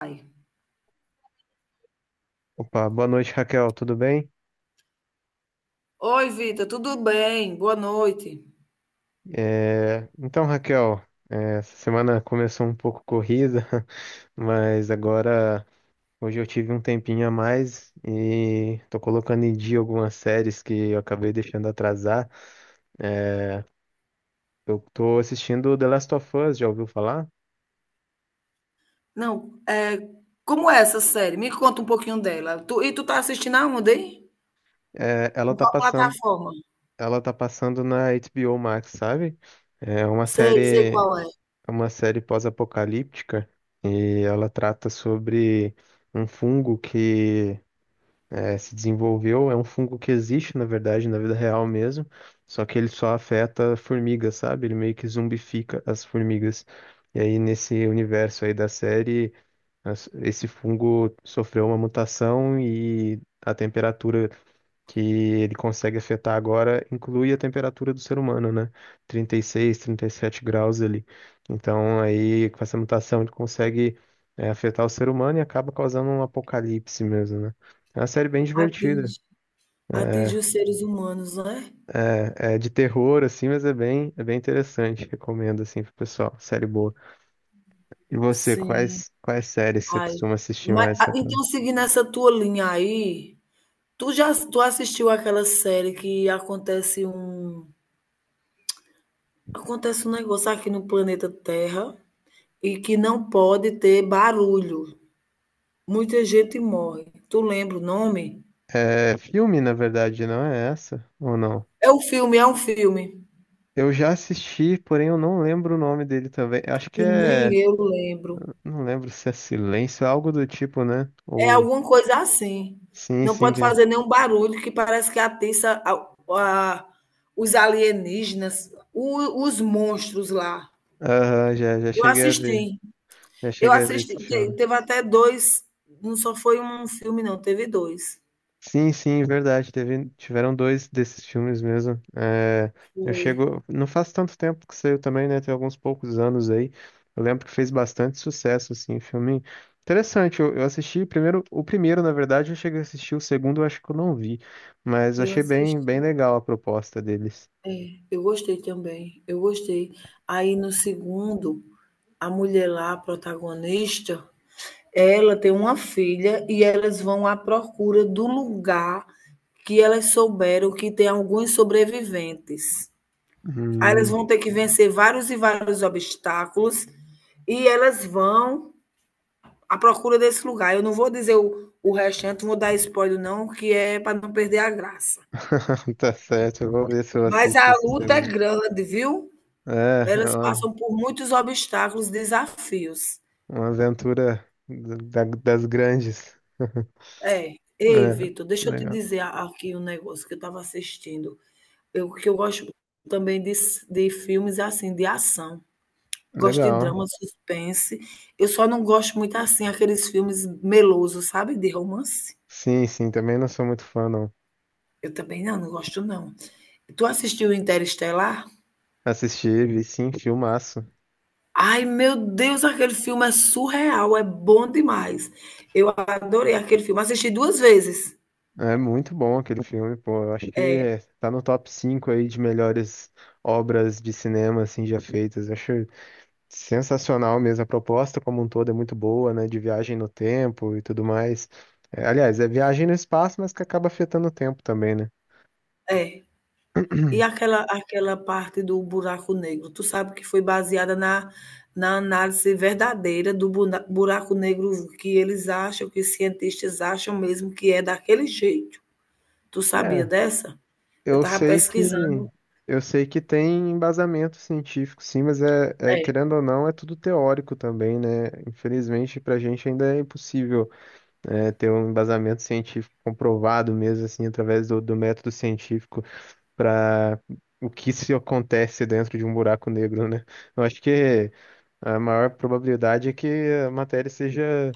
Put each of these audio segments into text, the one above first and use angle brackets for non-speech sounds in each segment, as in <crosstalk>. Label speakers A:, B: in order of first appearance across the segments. A: Ai.
B: Opa, boa noite, Raquel, tudo bem?
A: Oi, Vitor, tudo bem? Boa noite.
B: Então, Raquel, essa semana começou um pouco corrida, <laughs> mas agora hoje eu tive um tempinho a mais e tô colocando em dia algumas séries que eu acabei deixando atrasar. É, Eu tô assistindo The Last of Us, já ouviu falar?
A: Não, como é essa série? Me conta um pouquinho dela. E tu tá assistindo aonde, hein?
B: É, Ela
A: Em
B: tá
A: qual
B: passando,
A: plataforma?
B: ela tá passando na HBO Max, sabe? É uma
A: Sei, sei
B: série
A: qual é.
B: É uma série pós-apocalíptica e ela trata sobre um fungo que se desenvolveu. É um fungo que existe, na verdade, na vida real mesmo, só que ele só afeta formigas, sabe? Ele meio que zumbifica as formigas. E aí, nesse universo aí da série, esse fungo sofreu uma mutação e a temperatura que ele consegue afetar agora inclui a temperatura do ser humano, né? 36, 37 graus ali. Então, aí, com essa mutação, ele consegue afetar o ser humano e acaba causando um apocalipse mesmo, né? É uma série bem divertida.
A: Atinge, atinge
B: É,
A: os seres humanos, né?
B: é de terror, assim, mas é bem interessante. Recomendo, assim, pro pessoal. Série boa. E você,
A: Sim.
B: quais séries você
A: Ai.
B: costuma assistir
A: Mas,
B: mais,
A: ah,
B: Raquel?
A: então, seguindo essa tua linha aí, tu assistiu aquela série que acontece um negócio aqui no planeta Terra e que não pode ter barulho. Muita gente morre. Tu lembra o nome?
B: É filme, na verdade, não é essa? Ou não?
A: É um filme, é um filme.
B: Eu já assisti, porém eu não lembro o nome dele também. Acho que
A: E nem
B: é.
A: eu lembro.
B: Não lembro se é Silêncio, é algo do tipo, né?
A: É
B: Ou.
A: alguma coisa assim.
B: Sim,
A: Não
B: sim.
A: pode
B: Que...
A: fazer nenhum barulho, que parece que atiça os alienígenas, os monstros lá.
B: Aham, já
A: Eu
B: cheguei a ver.
A: assisti.
B: Já
A: Eu
B: cheguei a ver esse
A: assisti. Te-
B: filme.
A: Teve até dois. Não só foi um filme, não. Teve dois.
B: Sim, sim, verdade. Teve, tiveram dois desses filmes mesmo. É, eu
A: Foi.
B: chego. Não faz tanto tempo que saiu também, né? Tem alguns poucos anos aí. Eu lembro que fez bastante sucesso, assim, filme. Interessante, eu assisti primeiro, o primeiro, na verdade, eu cheguei a assistir, o segundo eu acho que eu não vi, mas eu
A: Eu
B: achei bem
A: assisti.
B: legal a proposta deles.
A: Eu gostei também. Eu gostei. Aí no segundo, a mulher lá, a protagonista, ela tem uma filha e elas vão à procura do lugar que elas souberam que tem alguns sobreviventes. Aí elas
B: Hum.
A: vão ter que vencer vários e vários obstáculos e elas vão à procura desse lugar. Eu não vou dizer o restante, não vou dar spoiler, não, que é para não perder a graça.
B: <laughs> Tá certo, eu vou ver se eu
A: Mas
B: assisto
A: a
B: esse
A: luta é
B: segundo.
A: grande, viu?
B: É, é
A: Elas
B: uma,
A: passam por muitos obstáculos, desafios.
B: uma aventura das grandes. <laughs>
A: É. Ei,
B: É,
A: Vitor, deixa eu te
B: legal.
A: dizer aqui um negócio que eu estava assistindo. Eu que eu gosto também de filmes, é assim, de ação. Gosto de
B: Legal.
A: drama, suspense. Eu só não gosto muito, assim, aqueles filmes melosos, sabe, de romance.
B: Sim, sim, também não sou muito fã, não.
A: Eu também não, não gosto não. Tu assistiu Interestelar?
B: Assisti, vi sim, filmaço.
A: Ai, meu Deus, aquele filme é surreal, é bom demais. Eu adorei aquele filme, assisti 2 vezes.
B: É muito bom aquele filme, pô. Eu acho que tá no top 5 aí de melhores obras de cinema, assim, já feitas. Eu acho sensacional mesmo. A proposta como um todo é muito boa, né? De viagem no tempo e tudo mais. É, aliás, é viagem no espaço, mas que acaba afetando o tempo também, né?
A: É. E aquela parte do buraco negro, tu sabe que foi baseada na na análise verdadeira do buna buraco negro que eles acham, que os cientistas acham mesmo que é daquele jeito. Tu sabia
B: é
A: dessa? Eu
B: Eu
A: estava
B: sei que
A: pesquisando
B: eu sei que tem embasamento científico, sim, mas
A: é,
B: querendo ou não, é tudo teórico também, né? Infelizmente, para a gente ainda é impossível ter um embasamento científico comprovado mesmo, assim, através do método científico para o que se acontece dentro de um buraco negro, né? Eu acho que a maior probabilidade é que a matéria seja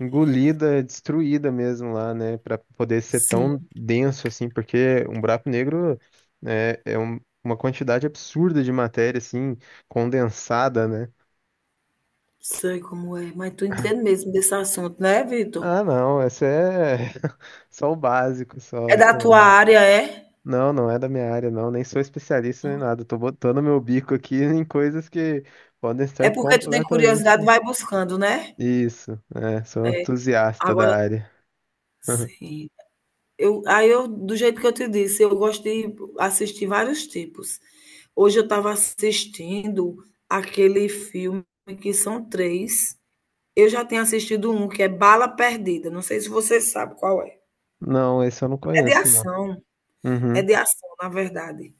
B: engolida, é destruída mesmo lá, né? Pra poder ser
A: sim,
B: tão denso assim, porque um buraco negro uma quantidade absurda de matéria, assim, condensada, né?
A: sei como é, mas tu entende mesmo desse assunto, né, Vitor?
B: Ah, não, essa é <laughs> só o básico,
A: É
B: só,
A: da
B: sei lá.
A: tua área, é?
B: Não, não é da minha área, não, nem sou especialista nem nada. Tô botando meu bico aqui <laughs> em coisas que podem
A: É
B: estar
A: porque tu tem
B: completamente.
A: curiosidade, vai buscando, né?
B: Isso, é, sou um
A: É,
B: entusiasta
A: agora
B: da área. <laughs>
A: sim. Aí eu, do jeito que eu te disse, eu gosto de assistir vários tipos. Hoje eu estava assistindo aquele filme que são três. Eu já tenho assistido um que é Bala Perdida. Não sei se você sabe qual é.
B: Não, esse eu não
A: É de
B: conheço, não.
A: ação. É
B: Uhum,
A: de ação, na verdade.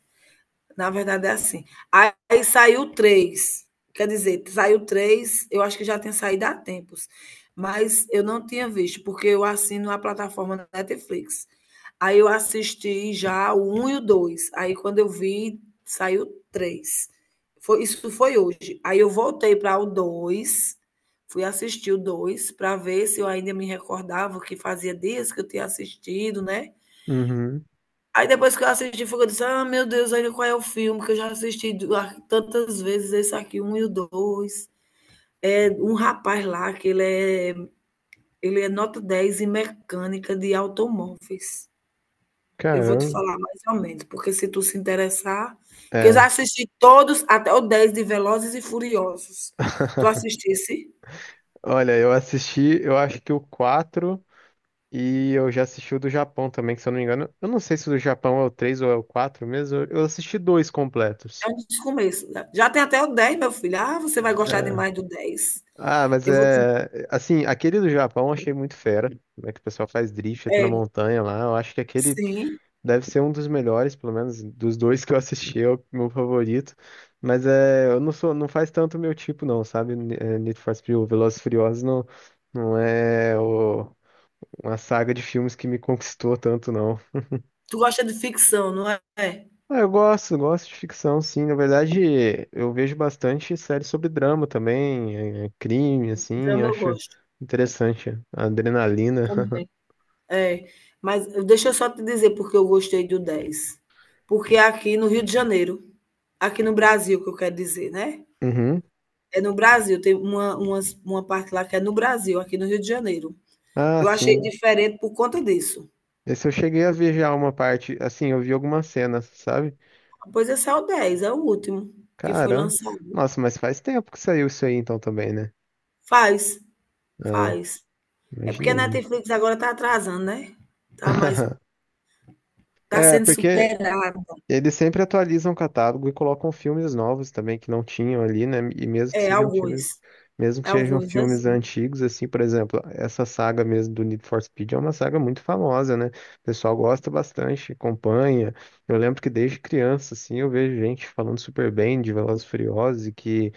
A: Na verdade é assim. Aí saiu três. Quer dizer, saiu três, eu acho que já tem saído há tempos. Mas eu não tinha visto, porque eu assino a plataforma Netflix. Aí eu assisti já o um e o 2. Aí quando eu vi, saiu 3. Foi, isso foi hoje. Aí eu voltei para o 2, fui assistir o 2 para ver se eu ainda me recordava, que fazia dias que eu tinha assistido, né?
B: uhum.
A: Aí depois que eu assisti, foi que eu disse: Ah, meu Deus, olha qual é o filme que eu já assisti, tantas vezes, esse aqui, um e o dois. É um rapaz lá que ele é nota 10 em mecânica de automóveis. Eu vou te
B: Caramba.
A: falar mais ou menos, porque se tu se interessar, que eu já
B: É.
A: assisti todos, até o 10 de Velozes e Furiosos. Tu
B: <laughs>
A: assistisse?
B: Olha, eu assisti, eu acho que o 4 e eu já assisti o do Japão também, que se eu não me engano, eu não sei se o do Japão é o 3 ou é o 4 mesmo, eu assisti dois
A: É
B: completos.
A: um dos começos, né? Já tem até o dez, meu filho. Ah, você vai gostar
B: É.
A: demais do 10.
B: Ah, mas
A: Eu vou te...
B: é, assim, aquele do Japão eu achei muito fera. Como é que o pessoal faz drift até na
A: É,
B: montanha lá, eu acho que aquele
A: sim.
B: deve ser um dos melhores, pelo menos dos dois que eu assisti, é o meu favorito. Mas é, eu não sou, não faz tanto o meu tipo não, sabe? Need for Speed, ou Velozes e Furiosos não, não é o uma saga de filmes que me conquistou tanto, não.
A: Tu gosta de ficção, não é? É.
B: Ah, eu gosto, gosto de ficção, sim. Na verdade, eu vejo bastante séries sobre drama também, crime, assim, eu
A: Drama eu
B: acho
A: gosto
B: interessante. A adrenalina.
A: também.
B: <laughs>
A: É. Mas deixa eu só te dizer porque eu gostei do dez. Porque é aqui no Rio de Janeiro, aqui no Brasil, que eu quero dizer, né?
B: Uhum.
A: É no Brasil, tem uma parte lá que é no Brasil, aqui no Rio de Janeiro.
B: Ah,
A: Eu achei
B: sim.
A: diferente por conta disso.
B: Esse eu cheguei a ver já uma parte, assim, eu vi algumas cenas, sabe?
A: Pois esse é o dez é o último que foi
B: Caramba.
A: lançado.
B: Nossa, mas faz tempo que saiu isso aí então também, né?
A: Faz,
B: Ah,
A: faz. É porque a
B: imaginei, né?
A: Netflix agora está atrasando, né? Tá mais,
B: <laughs>
A: tá
B: É,
A: sendo
B: porque
A: superada.
B: Eles sempre atualizam o catálogo e colocam filmes novos também que não tinham ali, né? E mesmo que
A: É,
B: sejam
A: alguns.
B: filmes, mesmo que sejam
A: Alguns, é
B: filmes
A: sim.
B: antigos, assim, por exemplo, essa saga mesmo do Need for Speed é uma saga muito famosa, né? O pessoal gosta bastante, acompanha. Eu lembro que desde criança, assim, eu vejo gente falando super bem de Velozes e Furiosos e que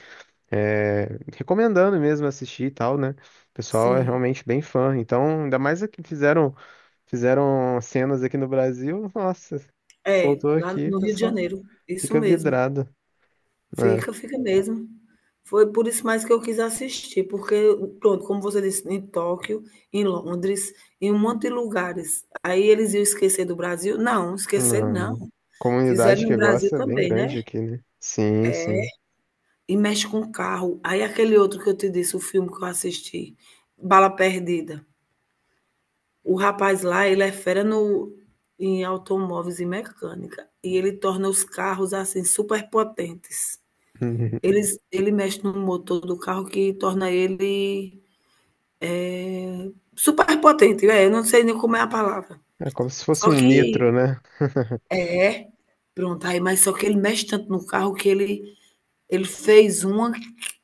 B: recomendando mesmo assistir e tal, né? O pessoal é
A: Sim.
B: realmente bem fã. Então, ainda mais é que fizeram cenas aqui no Brasil, <laughs> nossa.
A: É,
B: Soltou
A: lá
B: aqui,
A: no Rio de
B: pessoal.
A: Janeiro. Isso
B: Fica
A: mesmo.
B: vidrado. É,
A: Fica, fica mesmo. Foi por isso mais que eu quis assistir, porque, pronto, como você disse, em Tóquio, em Londres, em um monte de lugares. Aí eles iam esquecer do Brasil? Não, esquecer não.
B: não.
A: Fizeram
B: Comunidade que
A: no Brasil
B: gosta é bem
A: também, né?
B: grande aqui, né? Sim, sim.
A: E mexe com carro. Aí aquele outro que eu te disse, o filme que eu assisti, Bala Perdida. O rapaz lá, ele é fera no, em automóveis e mecânica. E ele torna os carros, assim, super potentes.
B: <laughs>
A: Ele mexe no motor do carro que torna ele super potente, é, eu não sei nem como é a palavra.
B: É como se fosse
A: Só
B: um
A: que
B: nitro, né?
A: é, pronto, aí mas só que ele mexe tanto no carro que ele fez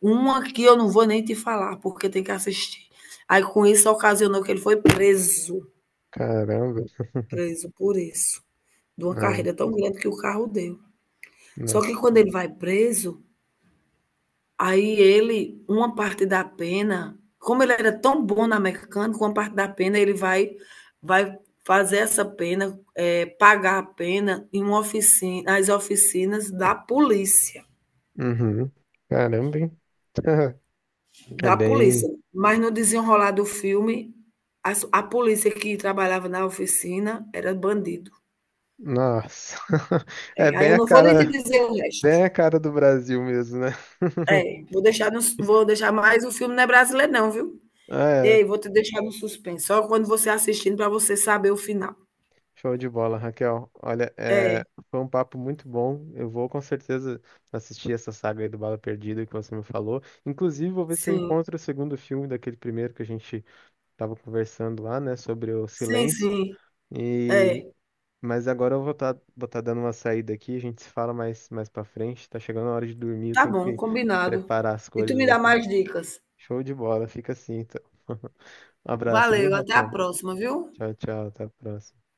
A: uma que eu não vou nem te falar, porque tem que assistir. Aí com isso ocasionou que ele foi preso,
B: Caramba.
A: preso por isso, de uma
B: É,
A: carreira tão grande que o carro deu. Só que
B: nossa.
A: quando ele vai preso, aí ele, uma parte da pena, como ele era tão bom na mecânica, uma parte da pena ele vai fazer essa pena, pagar a pena em uma oficina, nas oficinas da polícia,
B: Uhum. Caramba, hein? <laughs> É
A: da
B: bem.
A: polícia. Mas no desenrolar do filme, as a polícia que trabalhava na oficina era bandido.
B: Nossa. <laughs> É
A: É, aí eu não vou nem te dizer o resto.
B: bem a cara do Brasil mesmo, né? <laughs>
A: É, vou deixar mais, o filme não é brasileiro não, viu.
B: É.
A: Ei, vou te deixar no suspense, só quando você assistindo para você saber o final.
B: Show de bola, Raquel. Olha,
A: É,
B: é, foi um papo muito bom. Eu vou com certeza assistir essa saga aí do Bala Perdida que você me falou. Inclusive, vou ver se eu
A: sim.
B: encontro o segundo filme daquele primeiro que a gente estava conversando lá, né, sobre o
A: Sim,
B: silêncio.
A: sim. É,
B: E mas agora eu vou estar tá, vou tá dando uma saída aqui. A gente se fala mais para frente. Tá chegando a hora de dormir. Eu
A: tá
B: tenho
A: bom,
B: que
A: combinado.
B: preparar as
A: E tu me
B: coisas
A: dá
B: aqui.
A: mais dicas.
B: Show de bola. Fica assim, então. <laughs> Um abraço, viu,
A: Valeu, até a
B: Raquel?
A: próxima, viu?
B: Tchau, tchau. Até a próxima.